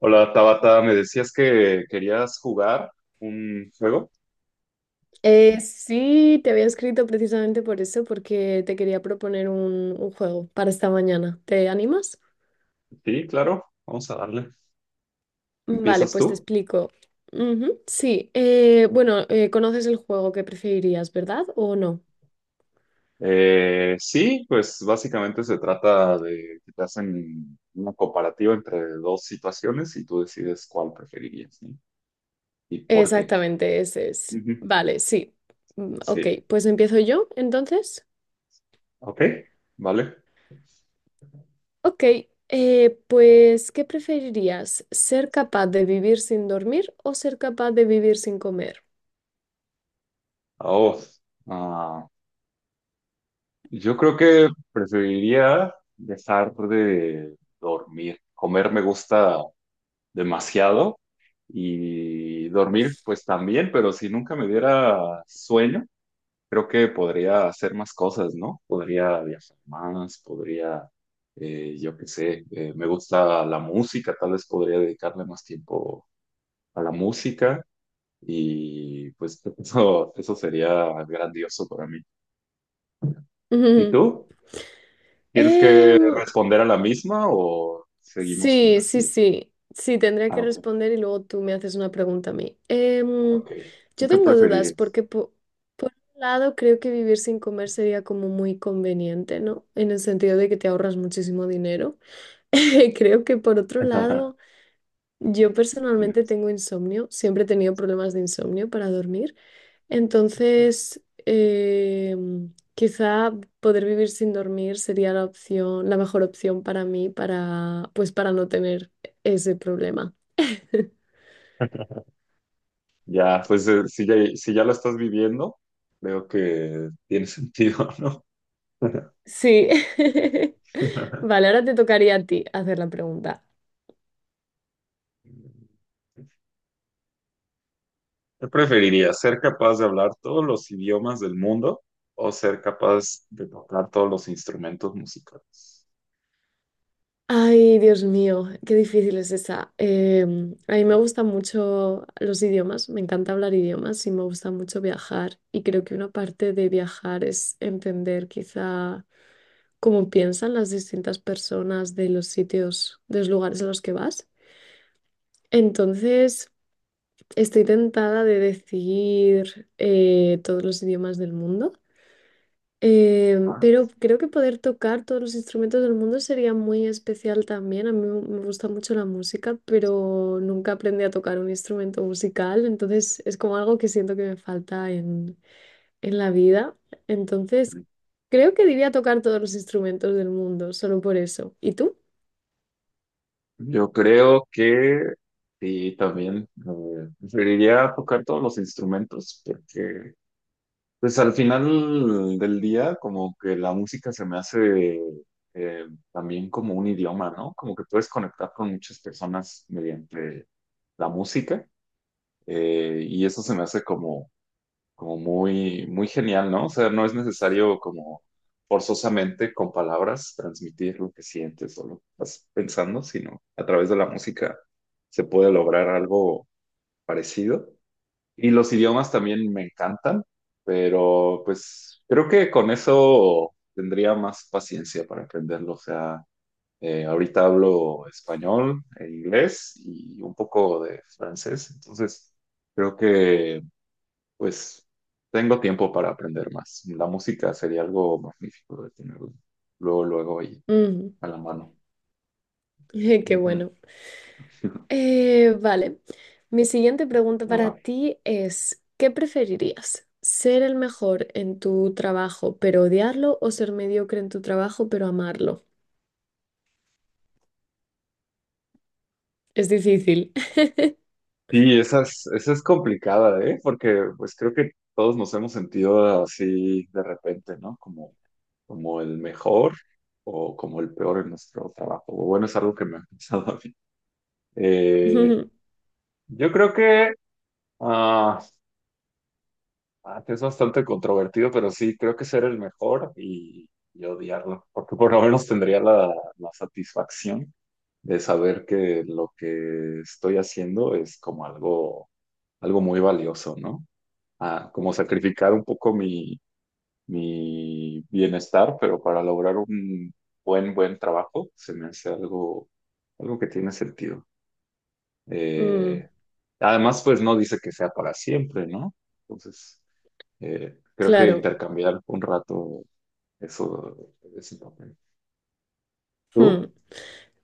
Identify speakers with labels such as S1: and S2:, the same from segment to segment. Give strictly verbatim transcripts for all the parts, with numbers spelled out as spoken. S1: Hola Tabata, me decías que querías jugar un juego.
S2: Eh, sí, te había escrito precisamente por eso, porque te quería proponer un, un juego para esta mañana. ¿Te animas?
S1: Sí, claro, vamos a darle.
S2: Vale,
S1: ¿Empiezas
S2: pues te
S1: tú?
S2: explico. Ujú, sí, eh, bueno, eh, conoces el juego que preferirías, ¿verdad? ¿O no?
S1: Eh, sí, pues básicamente se trata de que te hacen una comparativa entre dos situaciones y tú decides cuál preferirías, ¿sí? ¿Y por qué?
S2: Exactamente, ese es.
S1: Ujú.
S2: Vale, sí. Mm, ok,
S1: Sí,
S2: pues empiezo yo entonces.
S1: ok, vale.
S2: Ok, eh, pues ¿qué preferirías? ¿Ser capaz de vivir sin dormir o ser capaz de vivir sin comer?
S1: Ah, Oh, ah, yo creo que preferiría dejar de dormir. Comer me gusta demasiado y dormir pues también, pero si nunca me diera sueño, creo que podría hacer más cosas, ¿no? Podría viajar más, podría, eh, yo qué sé, eh, me gusta la música, tal vez podría dedicarle más tiempo a la música y pues eso, eso sería grandioso para mí. ¿Y tú? ¿Tienes que
S2: Em,
S1: responder a la misma o seguimos con
S2: Sí,
S1: la
S2: sí,
S1: siguiente?
S2: sí. Sí, tendría
S1: Ah,
S2: que
S1: ok.
S2: responder y luego tú me haces una pregunta a mí. Em,
S1: Ok. ¿Tú
S2: yo
S1: qué
S2: tengo dudas
S1: preferirías?
S2: porque por un lado creo que vivir sin comer sería como muy conveniente, ¿no? En el sentido de que te ahorras muchísimo dinero. Creo que por otro lado, yo personalmente tengo insomnio, siempre he tenido problemas de insomnio para dormir. Entonces, eh, quizá poder vivir sin dormir sería la opción, la mejor opción para mí para, pues para no tener ese problema.
S1: Ya, pues eh, si ya, si ya lo estás viviendo, veo que tiene sentido, ¿no?
S2: Sí. Vale, ahora te tocaría a ti hacer la pregunta.
S1: ¿Qué preferirías? ¿Ser capaz de hablar todos los idiomas del mundo o ser capaz de tocar todos los instrumentos musicales?
S2: Ay, Dios mío, qué difícil es esa. Em, a mí me gustan mucho los idiomas, me encanta hablar idiomas y me gusta mucho viajar. Y creo que una parte de viajar es entender quizá cómo piensan las distintas personas de los sitios, de los lugares a los que vas. Entonces, estoy tentada de decir eh, todos los idiomas del mundo, eh,
S1: Ah,
S2: pero creo que poder tocar todos los instrumentos del mundo sería muy especial también. A mí me me gusta mucho la música, pero nunca aprendí a tocar un instrumento musical, entonces es como algo que siento que me falta en, en la vida. Entonces,
S1: sí.
S2: creo que diría tocar todos los instrumentos del mundo, solo por eso. ¿Y tú?
S1: Yo creo que sí, también eh, preferiría tocar todos los instrumentos porque pues al final del día, como que la música se me hace eh, también como un idioma, ¿no? Como que puedes conectar con muchas personas mediante la música, eh, y eso se me hace como, como muy, muy genial, ¿no? O sea, no es necesario como forzosamente con palabras transmitir lo que sientes o lo que estás pensando, sino a través de la música se puede lograr algo parecido. Y los idiomas también me encantan, pero pues creo que con eso tendría más paciencia para aprenderlo. O sea, eh, ahorita hablo español, e inglés y un poco de francés, entonces creo que pues tengo tiempo para aprender más. La música sería algo magnífico de tener luego, luego ahí
S2: Ujú.
S1: a la mano.
S2: Qué bueno.
S1: Ujú.
S2: Eh, vale. Mi siguiente pregunta para ti es, ¿qué preferirías? ¿Ser el mejor en tu trabajo pero odiarlo o ser mediocre en tu trabajo pero amarlo? Es difícil.
S1: Sí, esa es, esa es complicada, ¿eh? Porque pues creo que todos nos hemos sentido así de repente, ¿no? Como, como el mejor o como el peor en nuestro trabajo. O bueno, es algo que me ha pasado a mí. Eh,
S2: Ujú.
S1: yo creo que ah, ah, Es bastante controvertido, pero sí, creo que ser el mejor y, y odiarlo, porque por lo menos tendría la, la satisfacción de saber que lo que estoy haciendo es como algo, algo muy valioso, ¿no? A como sacrificar un poco mi, mi bienestar, pero para lograr un buen, buen trabajo, se me hace algo, algo que tiene sentido.
S2: Mm,
S1: Eh, Además, pues no dice que sea para siempre, ¿no? Entonces, eh, creo que
S2: claro.
S1: intercambiar un rato eso, ese papel.
S2: Mm.
S1: ¿Tú?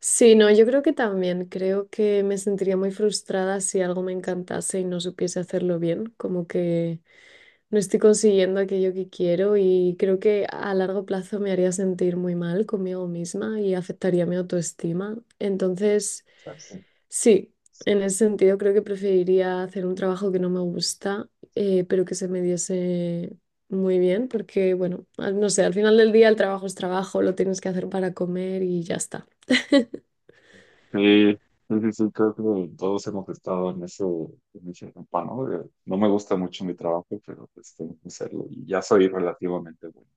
S2: Sí, no, yo creo que también. Creo que me sentiría muy frustrada si algo me encantase y no supiese hacerlo bien. Como que no estoy consiguiendo aquello que quiero y creo que a largo plazo me haría sentir muy mal conmigo misma y afectaría mi autoestima. Entonces, sí, en ese sentido creo que preferiría hacer un trabajo que no me gusta, eh, pero que se me diese muy bien, porque bueno, al- no sé, al final del día el trabajo es trabajo, lo tienes que hacer para comer y ya está.
S1: Sí, sí, sí, sí, creo que todos hemos estado en ese, en ese etapa, ¿no? De, no me gusta mucho mi trabajo, pero pues tengo que hacerlo y ya soy relativamente bueno.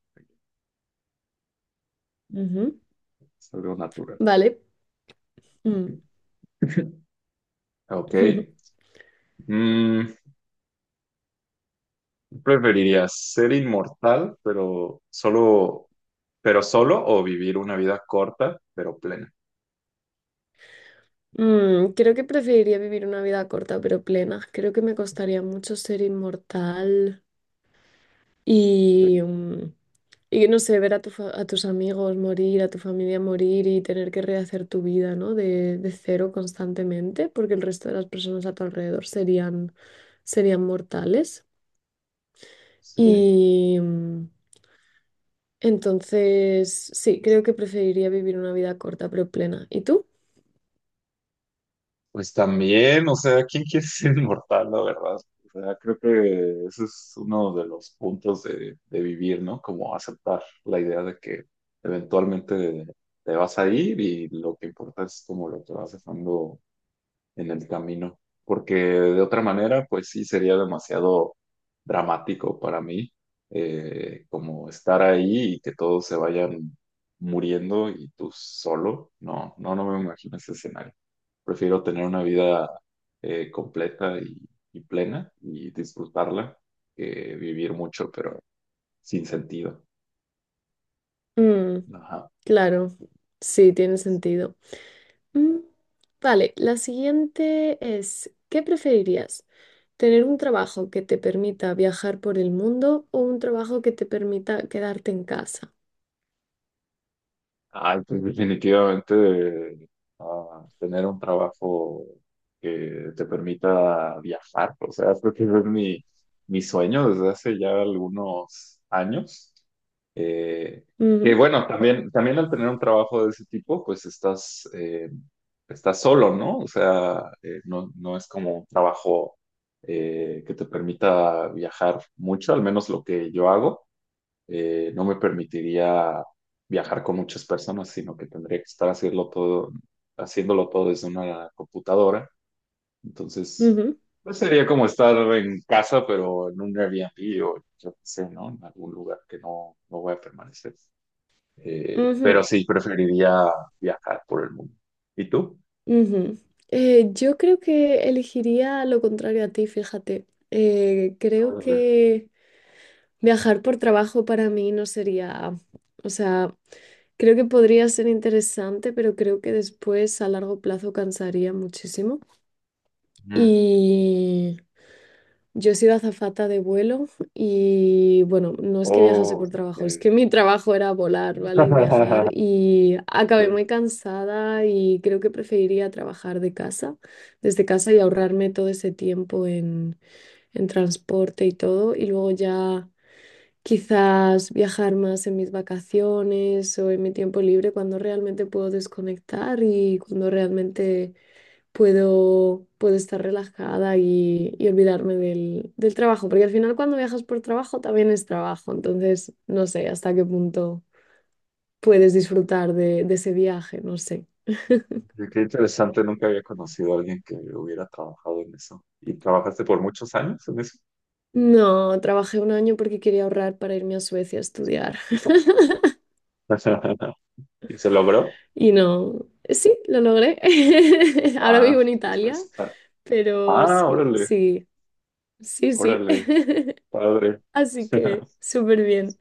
S2: Ujú.
S1: Es algo natural.
S2: Vale. Mm.
S1: Ok. Mm, ¿preferirías ser inmortal, pero solo, pero solo o vivir una vida corta, pero plena?
S2: Mm, creo que preferiría vivir una vida corta pero plena. Creo que me costaría mucho ser inmortal. Y,
S1: Sí,
S2: mm, y no sé, ver a, tu fa- a tus amigos morir, a tu familia morir y tener que rehacer tu vida, ¿no? De, de cero constantemente, porque el resto de las personas a tu alrededor serían, serían mortales.
S1: sí.
S2: Y mm, entonces, sí, creo que preferiría vivir una vida corta pero plena. ¿Y tú?
S1: Pues también, o sea, ¿quién quiere ser inmortal, la verdad? O sea, creo que ese es uno de los puntos de, de vivir, ¿no? Como aceptar la idea de que eventualmente te vas a ir y lo que importa es como lo que vas dejando en el camino, porque de otra manera, pues sí sería demasiado dramático para mí, eh, como estar ahí y que todos se vayan muriendo y tú solo. No, no, no me imagino ese escenario. Prefiero tener una vida eh, completa y, y plena y disfrutarla que vivir mucho, pero sin sentido.
S2: Mm,
S1: Ajá.
S2: claro, sí, tiene sentido. Mm, vale, la siguiente es, ¿qué preferirías? Tener un trabajo que te permita viajar por el mundo o un trabajo que te permita quedarte en casa.
S1: Ay, pues definitivamente ah, tener un trabajo que te permita viajar, o sea, creo que es mi, mi sueño desde hace ya algunos años. Eh, que
S2: Ujú,
S1: bueno, también, también al tener un trabajo de ese tipo, pues estás, eh, estás solo, ¿no? O sea, eh, no, no es como un trabajo eh, que te permita viajar mucho, al menos lo que yo hago eh, no me permitiría viajar con muchas personas, sino que tendría que estar haciéndolo todo, haciéndolo todo desde una computadora. Entonces,
S2: ujú,
S1: pues sería como estar en casa, pero en un Airbnb o yo qué sé, ¿no? En algún lugar que no, no voy a permanecer. Eh, pero
S2: ujú,
S1: sí, preferiría viajar por el mundo. ¿Y tú?
S2: ujú. Eh, yo creo que elegiría lo contrario a ti, fíjate. Eh, creo
S1: Órale.
S2: que viajar por trabajo para mí no sería, o sea, creo que podría ser interesante, pero creo que después a largo plazo cansaría muchísimo.
S1: Ujú.
S2: Y yo he sido azafata de vuelo y bueno, no es que viajase
S1: Oh,
S2: por trabajo, es
S1: ok.
S2: que mi trabajo era volar, ¿vale? Y viajar y acabé muy cansada y creo que preferiría trabajar de casa, desde casa y ahorrarme todo ese tiempo en, en transporte y todo y luego ya quizás viajar más en mis vacaciones o en mi tiempo libre cuando realmente puedo desconectar y cuando realmente puedo, puedo estar relajada y, y olvidarme del, del trabajo, porque al final cuando viajas por trabajo también es trabajo, entonces no sé hasta qué punto puedes disfrutar de, de ese viaje, no sé.
S1: Oye, qué interesante, nunca había conocido a alguien que hubiera trabajado en eso. ¿Y trabajaste por muchos años en eso?
S2: No, trabajé un año porque quería ahorrar para irme a Suecia a estudiar
S1: ¿Y se logró?
S2: y no, sí, lo logré. Ahora
S1: Ah,
S2: vivo en
S1: pues, pues,
S2: Italia,
S1: está-
S2: pero
S1: Ah,
S2: sí,
S1: órale,
S2: sí, sí, sí,
S1: órale, padre.
S2: así que súper bien.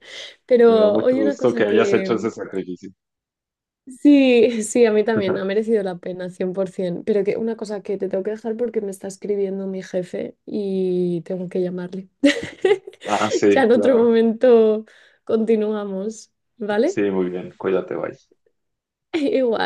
S1: Me da
S2: Pero
S1: mucho
S2: oye, una
S1: gusto que
S2: cosa
S1: hayas hecho
S2: que,
S1: ese sacrificio.
S2: sí, sí, a mí también, ha merecido la pena, cien por ciento. Pero que una cosa que te tengo que dejar porque me está escribiendo mi jefe y tengo que llamarle.
S1: Ah,
S2: Ya
S1: sí,
S2: en otro
S1: claro.
S2: momento continuamos, ¿vale?
S1: Sí, muy bien, cuídate, bye.
S2: Igual.